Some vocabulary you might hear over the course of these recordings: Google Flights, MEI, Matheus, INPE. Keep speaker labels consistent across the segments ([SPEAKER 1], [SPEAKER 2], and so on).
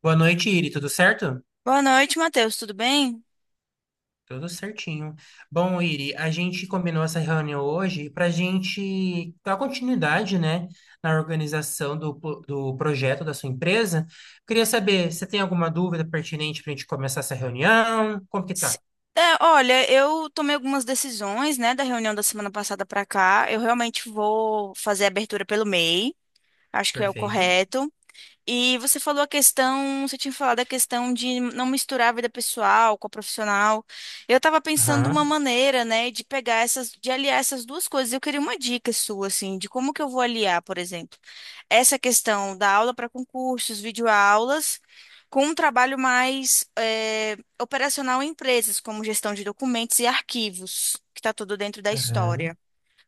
[SPEAKER 1] Boa noite, Iri. Tudo certo?
[SPEAKER 2] Boa noite, Matheus. Tudo bem?
[SPEAKER 1] Tudo certinho. Bom, Iri, a gente combinou essa reunião hoje para a gente dar continuidade, né, na organização do projeto da sua empresa. Queria saber, você tem alguma dúvida pertinente para a gente começar essa reunião? Como que
[SPEAKER 2] Se-
[SPEAKER 1] tá?
[SPEAKER 2] Olha, eu tomei algumas decisões, né, da reunião da semana passada para cá. Eu realmente vou fazer a abertura pelo MEI, acho que é o
[SPEAKER 1] Perfeito.
[SPEAKER 2] correto. E você falou a questão, você tinha falado a questão de não misturar a vida pessoal com a profissional. Eu estava pensando uma
[SPEAKER 1] Aham,
[SPEAKER 2] maneira, né, de pegar essas, de aliar essas duas coisas. Eu queria uma dica sua, assim, de como que eu vou aliar, por exemplo, essa questão da aula para concursos, videoaulas, com um trabalho mais operacional em empresas, como gestão de documentos e arquivos, que está tudo dentro da
[SPEAKER 1] aham.
[SPEAKER 2] história.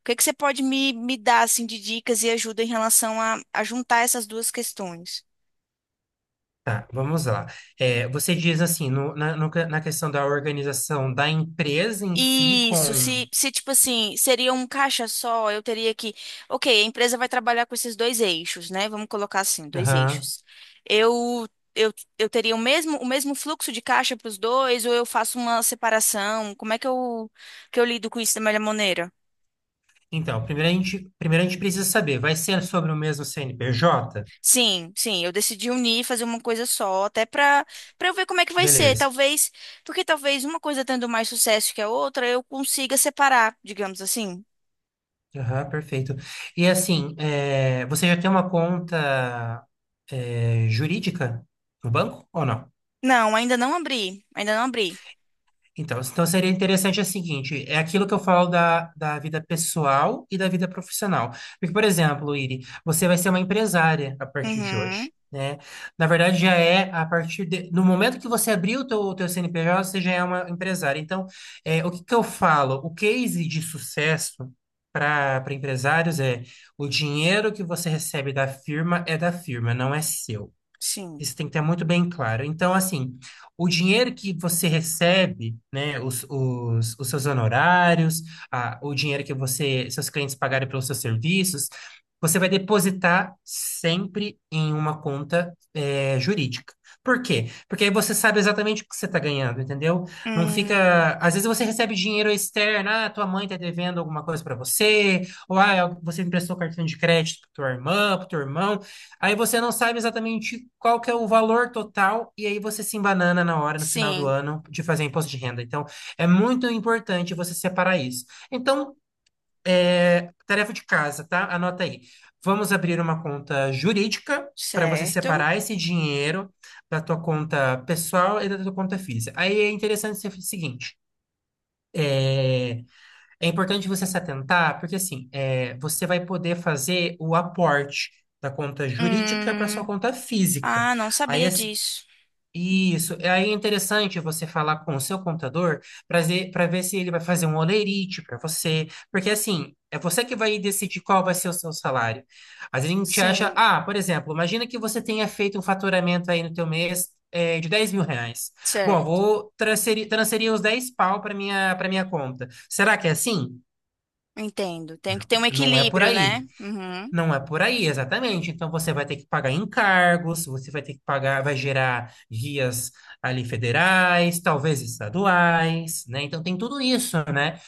[SPEAKER 2] O que que você pode me dar, assim, de dicas e ajuda em relação a juntar essas duas questões?
[SPEAKER 1] Tá, vamos lá. É, você diz assim, na questão da organização da empresa em si
[SPEAKER 2] Isso,
[SPEAKER 1] com...
[SPEAKER 2] se tipo assim, seria um caixa só, eu teria que. Ok, a empresa vai trabalhar com esses dois eixos, né? Vamos colocar assim, dois
[SPEAKER 1] Aham.
[SPEAKER 2] eixos. Eu, eu, eu teria o mesmo fluxo de caixa para os dois, ou eu faço uma separação? Como é que eu lido com isso da melhor maneira?
[SPEAKER 1] Então, primeiro a gente precisa saber, vai ser sobre o mesmo CNPJ?
[SPEAKER 2] Sim, sim, eu decidi unir, fazer uma coisa só, até para eu ver como é que vai ser.
[SPEAKER 1] Beleza.
[SPEAKER 2] Talvez, porque talvez uma coisa tendo mais sucesso que a outra, eu consiga separar, digamos assim.
[SPEAKER 1] Aham, perfeito. E assim, é, você já tem uma conta, é, jurídica no banco ou não?
[SPEAKER 2] Não, ainda não abri, ainda não abri.
[SPEAKER 1] Então, seria interessante é o seguinte, é aquilo que eu falo da vida pessoal e da vida profissional. Porque, por exemplo, Iri, você vai ser uma empresária a partir de
[SPEAKER 2] Uhum,
[SPEAKER 1] hoje, né? Na verdade, já é a partir de, no momento que você abrir o teu CNPJ, você já é uma empresária. Então, é, o que que eu falo? O case de sucesso para empresários é o dinheiro que você recebe da firma é da firma, não é seu.
[SPEAKER 2] sim.
[SPEAKER 1] Isso tem que ter muito bem claro. Então, assim, o dinheiro que você recebe, né, os seus honorários, o dinheiro que você, seus clientes pagarem pelos seus serviços, você vai depositar sempre em uma conta, jurídica. Por quê? Porque aí você sabe exatamente o que você está ganhando, entendeu? Não
[SPEAKER 2] Hum,
[SPEAKER 1] fica. Às vezes você recebe dinheiro externo, ah, tua mãe está devendo alguma coisa para você, ou ah, você emprestou cartão de crédito para tua irmã, para teu irmão. Aí você não sabe exatamente qual que é o valor total e aí você se embanana na hora, no final do
[SPEAKER 2] sim,
[SPEAKER 1] ano, de fazer imposto de renda. Então, é muito importante você separar isso. Então, é, tarefa de casa, tá? Anota aí. Vamos abrir uma conta jurídica para você
[SPEAKER 2] certo.
[SPEAKER 1] separar esse dinheiro da tua conta pessoal e da tua conta física. Aí é interessante ser o seguinte. É, é importante você se atentar, porque assim, é, você vai poder fazer o aporte da conta jurídica para sua
[SPEAKER 2] Hum,
[SPEAKER 1] conta física.
[SPEAKER 2] ah, não
[SPEAKER 1] Aí,
[SPEAKER 2] sabia
[SPEAKER 1] assim,
[SPEAKER 2] disso. Uhum.
[SPEAKER 1] isso. Aí é interessante você falar com o seu contador para ver, se ele vai fazer um holerite para você. Porque assim, é você que vai decidir qual vai ser o seu salário. Às vezes a gente acha,
[SPEAKER 2] Sim,
[SPEAKER 1] ah, por exemplo, imagina que você tenha feito um faturamento aí no teu mês. É, de R$ 10.000. Bom,
[SPEAKER 2] certo.
[SPEAKER 1] transferir os 10 pau para minha conta. Será que é assim?
[SPEAKER 2] Entendo. Tem que
[SPEAKER 1] Não,
[SPEAKER 2] ter um
[SPEAKER 1] não é por
[SPEAKER 2] equilíbrio, né?
[SPEAKER 1] aí.
[SPEAKER 2] Uhum.
[SPEAKER 1] Não é por aí, exatamente. Então você vai ter que pagar encargos, você vai ter que pagar, vai gerar guias ali federais, talvez estaduais, né? Então tem tudo isso, né?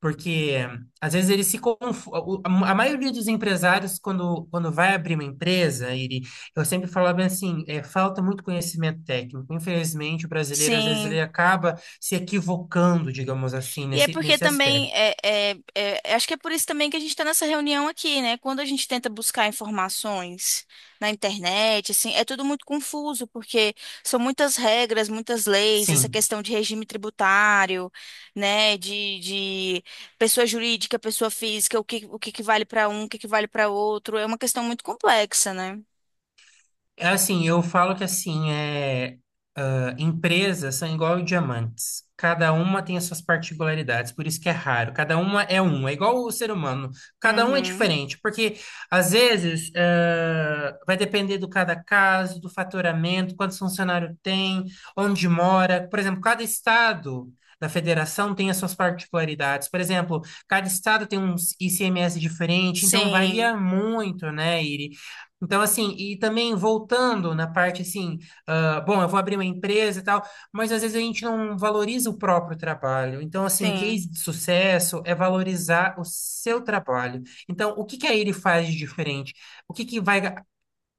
[SPEAKER 1] Porque às vezes eles se confundem. A maioria dos empresários, quando vai abrir uma empresa, ele, eu sempre falava assim, é, falta muito conhecimento técnico. Infelizmente, o brasileiro, às vezes, ele
[SPEAKER 2] Sim.
[SPEAKER 1] acaba se equivocando, digamos assim,
[SPEAKER 2] E é porque
[SPEAKER 1] nesse
[SPEAKER 2] também,
[SPEAKER 1] aspecto.
[SPEAKER 2] acho que é por isso também que a gente está nessa reunião aqui, né? Quando a gente tenta buscar informações na internet, assim, é tudo muito confuso, porque são muitas regras, muitas leis, essa
[SPEAKER 1] Sim.
[SPEAKER 2] questão de regime tributário, né? De pessoa jurídica, pessoa física, o que que vale para um, o que que vale para outro. É uma questão muito complexa, né?
[SPEAKER 1] É assim, eu falo que assim, é, ah, empresas são igual diamantes. Cada uma tem as suas particularidades, por isso que é raro. Cada uma é um, é igual o ser humano. Cada um é
[SPEAKER 2] Uhum.
[SPEAKER 1] diferente, porque às vezes ah, vai depender do cada caso, do faturamento, quantos funcionários tem, onde mora. Por exemplo, cada estado da federação tem as suas particularidades. Por exemplo, cada estado tem um ICMS diferente, então
[SPEAKER 2] Sim,
[SPEAKER 1] varia muito, né? Então, assim, e também voltando na parte assim, ah, bom, eu vou abrir uma empresa e tal, mas às vezes a gente não valoriza o próprio trabalho. Então, assim, um
[SPEAKER 2] sim,
[SPEAKER 1] case de sucesso é valorizar o seu trabalho. Então, o que que aí ele faz de diferente? O que que vai,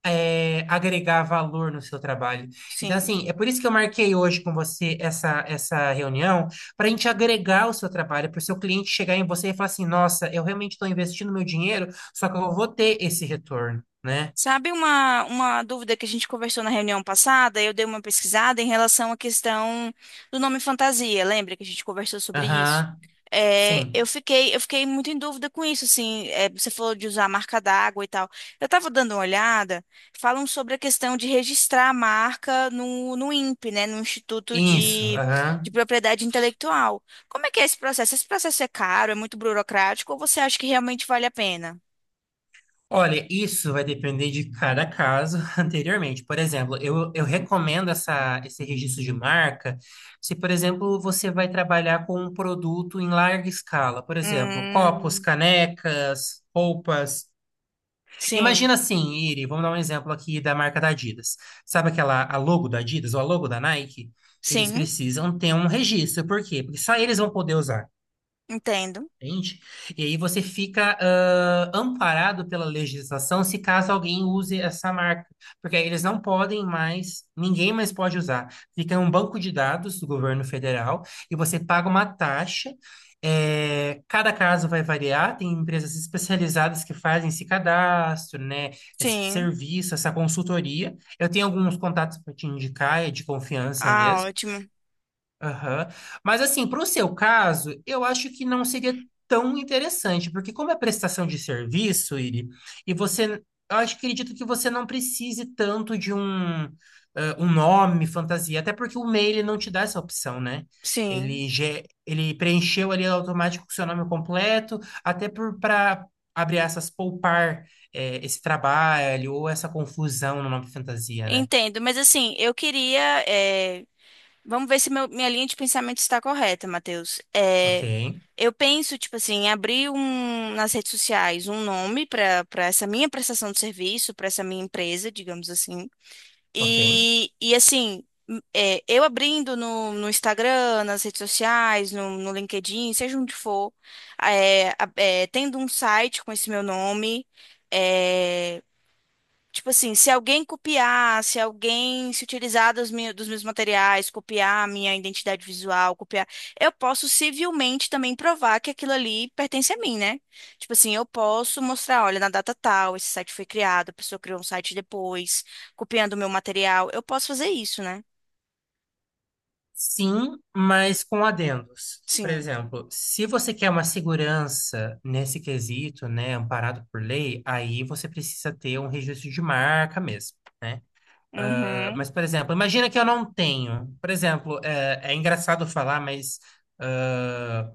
[SPEAKER 1] agregar valor no seu trabalho? Então,
[SPEAKER 2] sim.
[SPEAKER 1] assim, é por isso que eu marquei hoje com você essa, essa reunião, para a gente agregar o seu trabalho, para o seu cliente chegar em você e falar assim: nossa, eu realmente estou investindo meu dinheiro, só que eu vou ter esse retorno. Né?
[SPEAKER 2] Sabe uma dúvida que a gente conversou na reunião passada? Eu dei uma pesquisada em relação à questão do nome fantasia. Lembra que a gente conversou sobre isso?
[SPEAKER 1] Aham,
[SPEAKER 2] É,
[SPEAKER 1] sim,
[SPEAKER 2] eu fiquei muito em dúvida com isso, assim. É, você falou de usar a marca d'água e tal. Eu estava dando uma olhada, falam sobre a questão de registrar a marca no INPE, né? No Instituto
[SPEAKER 1] isso,
[SPEAKER 2] de,
[SPEAKER 1] aham.
[SPEAKER 2] de Propriedade Intelectual. Como é que é esse processo? Esse processo é caro, é muito burocrático, ou você acha que realmente vale a pena?
[SPEAKER 1] Olha, isso vai depender de cada caso anteriormente. Por exemplo, eu recomendo essa, esse registro de marca se, por exemplo, você vai trabalhar com um produto em larga escala. Por exemplo, copos,
[SPEAKER 2] Hum,
[SPEAKER 1] canecas, roupas.
[SPEAKER 2] sim.
[SPEAKER 1] Imagina assim, Iri, vamos dar um exemplo aqui da marca da Adidas. Sabe aquela a logo da Adidas ou a logo da Nike? Eles
[SPEAKER 2] Sim,
[SPEAKER 1] precisam ter um registro. Por quê? Porque só eles vão poder usar.
[SPEAKER 2] entendo.
[SPEAKER 1] Entende? E aí você fica ah, amparado pela legislação se caso alguém use essa marca, porque aí eles não podem mais, ninguém mais pode usar. Fica em um banco de dados do governo federal e você paga uma taxa. Eh, cada caso vai variar, tem empresas especializadas que fazem esse cadastro, né, esse
[SPEAKER 2] Sim.
[SPEAKER 1] serviço, essa consultoria. Eu tenho alguns contatos para te indicar, é de confiança
[SPEAKER 2] Ah,
[SPEAKER 1] mesmo.
[SPEAKER 2] ótimo.
[SPEAKER 1] Aham. Mas assim, para o seu caso, eu acho que não seria tão interessante, porque como é prestação de serviço, Iri, e você, eu acho que acredito que você não precise tanto de um, um nome, fantasia, até porque o e-mail ele não te dá essa opção, né?
[SPEAKER 2] Sim,
[SPEAKER 1] Ele, ele preencheu ali automático o seu nome completo, até por para abrir essas poupar eh, esse trabalho ou essa confusão no nome fantasia, né?
[SPEAKER 2] entendo. Mas assim, eu queria. eh, Vamos ver se minha linha de pensamento está correta, Matheus.
[SPEAKER 1] Ok,
[SPEAKER 2] Eu penso, tipo assim, em abrir um, nas redes sociais um nome para essa minha prestação de serviço, para essa minha empresa, digamos assim.
[SPEAKER 1] ok.
[SPEAKER 2] E assim, é, eu abrindo no Instagram, nas redes sociais, no LinkedIn, seja onde for, tendo um site com esse meu nome, é, tipo assim, se alguém copiar, se alguém se utilizar dos meus materiais, copiar a minha identidade visual, copiar, eu posso civilmente também provar que aquilo ali pertence a mim, né? Tipo assim, eu posso mostrar, olha, na data tal, esse site foi criado, a pessoa criou um site depois, copiando o meu material. Eu posso fazer isso, né?
[SPEAKER 1] Sim, mas com adendos. Por
[SPEAKER 2] Sim.
[SPEAKER 1] exemplo, se você quer uma segurança nesse quesito, né, amparado por lei, aí você precisa ter um registro de marca mesmo, né? Ah,
[SPEAKER 2] Uhum.
[SPEAKER 1] mas, por exemplo, imagina que eu não tenho. Por exemplo, é engraçado falar, mas ah,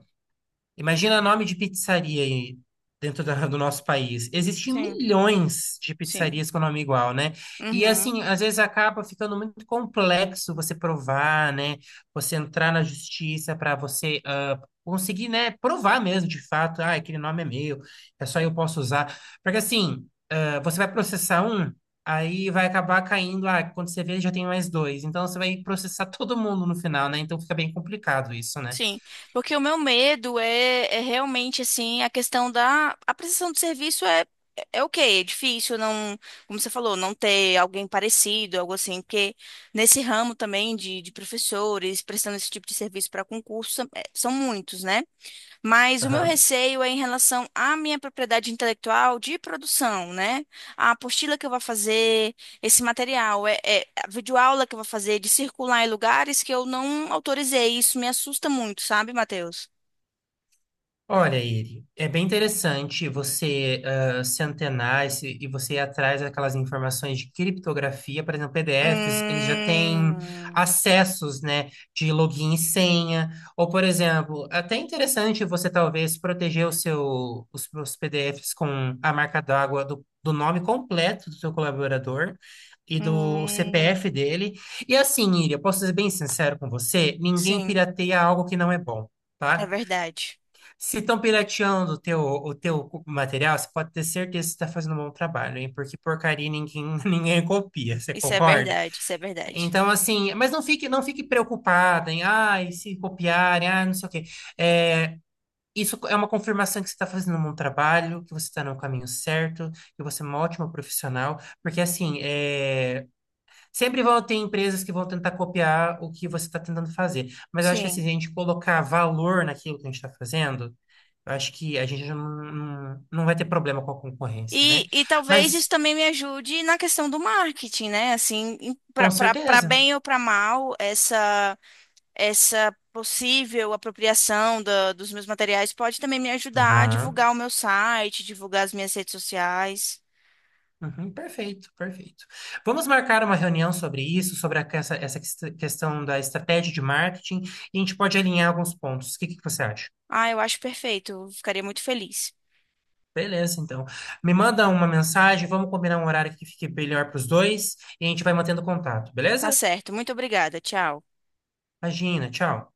[SPEAKER 1] imagina nome de pizzaria aí dentro do nosso país. Existem
[SPEAKER 2] Sim.
[SPEAKER 1] milhões de
[SPEAKER 2] Sim.
[SPEAKER 1] pizzarias com nome igual, né? E
[SPEAKER 2] Uhum.
[SPEAKER 1] assim, às vezes acaba ficando muito complexo você provar, né? Você entrar na justiça para você ah, conseguir, né, provar mesmo de fato, ah, aquele nome é meu, é só eu posso usar. Porque assim, ah, você vai processar um, aí vai acabar caindo, ah, quando você vê já tem mais 2. Então você vai processar todo mundo no final, né? Então fica bem complicado isso, né?
[SPEAKER 2] Sim, porque o meu medo é realmente assim a questão da a prestação de serviço é o ok, é difícil não, como você falou, não ter alguém parecido, algo assim, porque nesse ramo também de professores prestando esse tipo de serviço para concurso é, são muitos, né? Mas o meu
[SPEAKER 1] Aham.
[SPEAKER 2] receio é em relação à minha propriedade intelectual de produção, né? A apostila que eu vou fazer, esse material, a videoaula que eu vou fazer, de circular em lugares que eu não autorizei. Isso me assusta muito, sabe, Matheus?
[SPEAKER 1] Olha, Iri, é bem interessante você ah, se antenar e, se- e você ir atrás daquelas informações de criptografia, por exemplo, PDFs, eles já têm
[SPEAKER 2] Hum,
[SPEAKER 1] acessos, né, de login e senha, ou, por exemplo, até interessante você talvez proteger os seus PDFs com a marca d'água do nome completo do seu colaborador e do
[SPEAKER 2] hum,
[SPEAKER 1] CPF dele. E assim, Iri, eu posso ser bem sincero com você, ninguém
[SPEAKER 2] sim,
[SPEAKER 1] pirateia algo que não é bom.
[SPEAKER 2] é
[SPEAKER 1] Tá?
[SPEAKER 2] verdade.
[SPEAKER 1] Se estão pirateando o teu material, você pode ter certeza que você está fazendo um bom trabalho, hein? Porque porcaria ninguém, ninguém copia, você
[SPEAKER 2] Isso é
[SPEAKER 1] concorda?
[SPEAKER 2] verdade, isso é verdade.
[SPEAKER 1] Então, assim, mas não fique preocupada em, ah, e se copiarem, ah, não sei o quê. É, isso é uma confirmação que você está fazendo um bom trabalho, que você está no caminho certo, que você é uma ótima profissional, porque, assim, é. Sempre vão ter empresas que vão tentar copiar o que você está tentando fazer. Mas eu acho que assim,
[SPEAKER 2] Sim.
[SPEAKER 1] se a gente colocar valor naquilo que a gente está fazendo, eu acho que a gente não, não, não vai ter problema com a concorrência,
[SPEAKER 2] E,
[SPEAKER 1] né?
[SPEAKER 2] e talvez
[SPEAKER 1] Mas
[SPEAKER 2] isso também me ajude na questão do marketing, né? Assim,
[SPEAKER 1] com
[SPEAKER 2] para
[SPEAKER 1] certeza.
[SPEAKER 2] bem ou para mal, essa. Essa possível apropriação dos meus materiais pode também me ajudar a
[SPEAKER 1] Aham.
[SPEAKER 2] divulgar o meu site, divulgar as minhas redes sociais.
[SPEAKER 1] Uhum, perfeito, perfeito. Vamos marcar uma reunião sobre isso, essa, essa questão da estratégia de marketing, e a gente pode alinhar alguns pontos. O que que você acha?
[SPEAKER 2] Ah, eu acho perfeito. Eu Ficaria muito feliz.
[SPEAKER 1] Beleza, então. Me manda uma mensagem, vamos combinar um horário que fique melhor para os dois e a gente vai mantendo contato,
[SPEAKER 2] Tá
[SPEAKER 1] beleza?
[SPEAKER 2] certo. Muito obrigada. Tchau.
[SPEAKER 1] Imagina, tchau.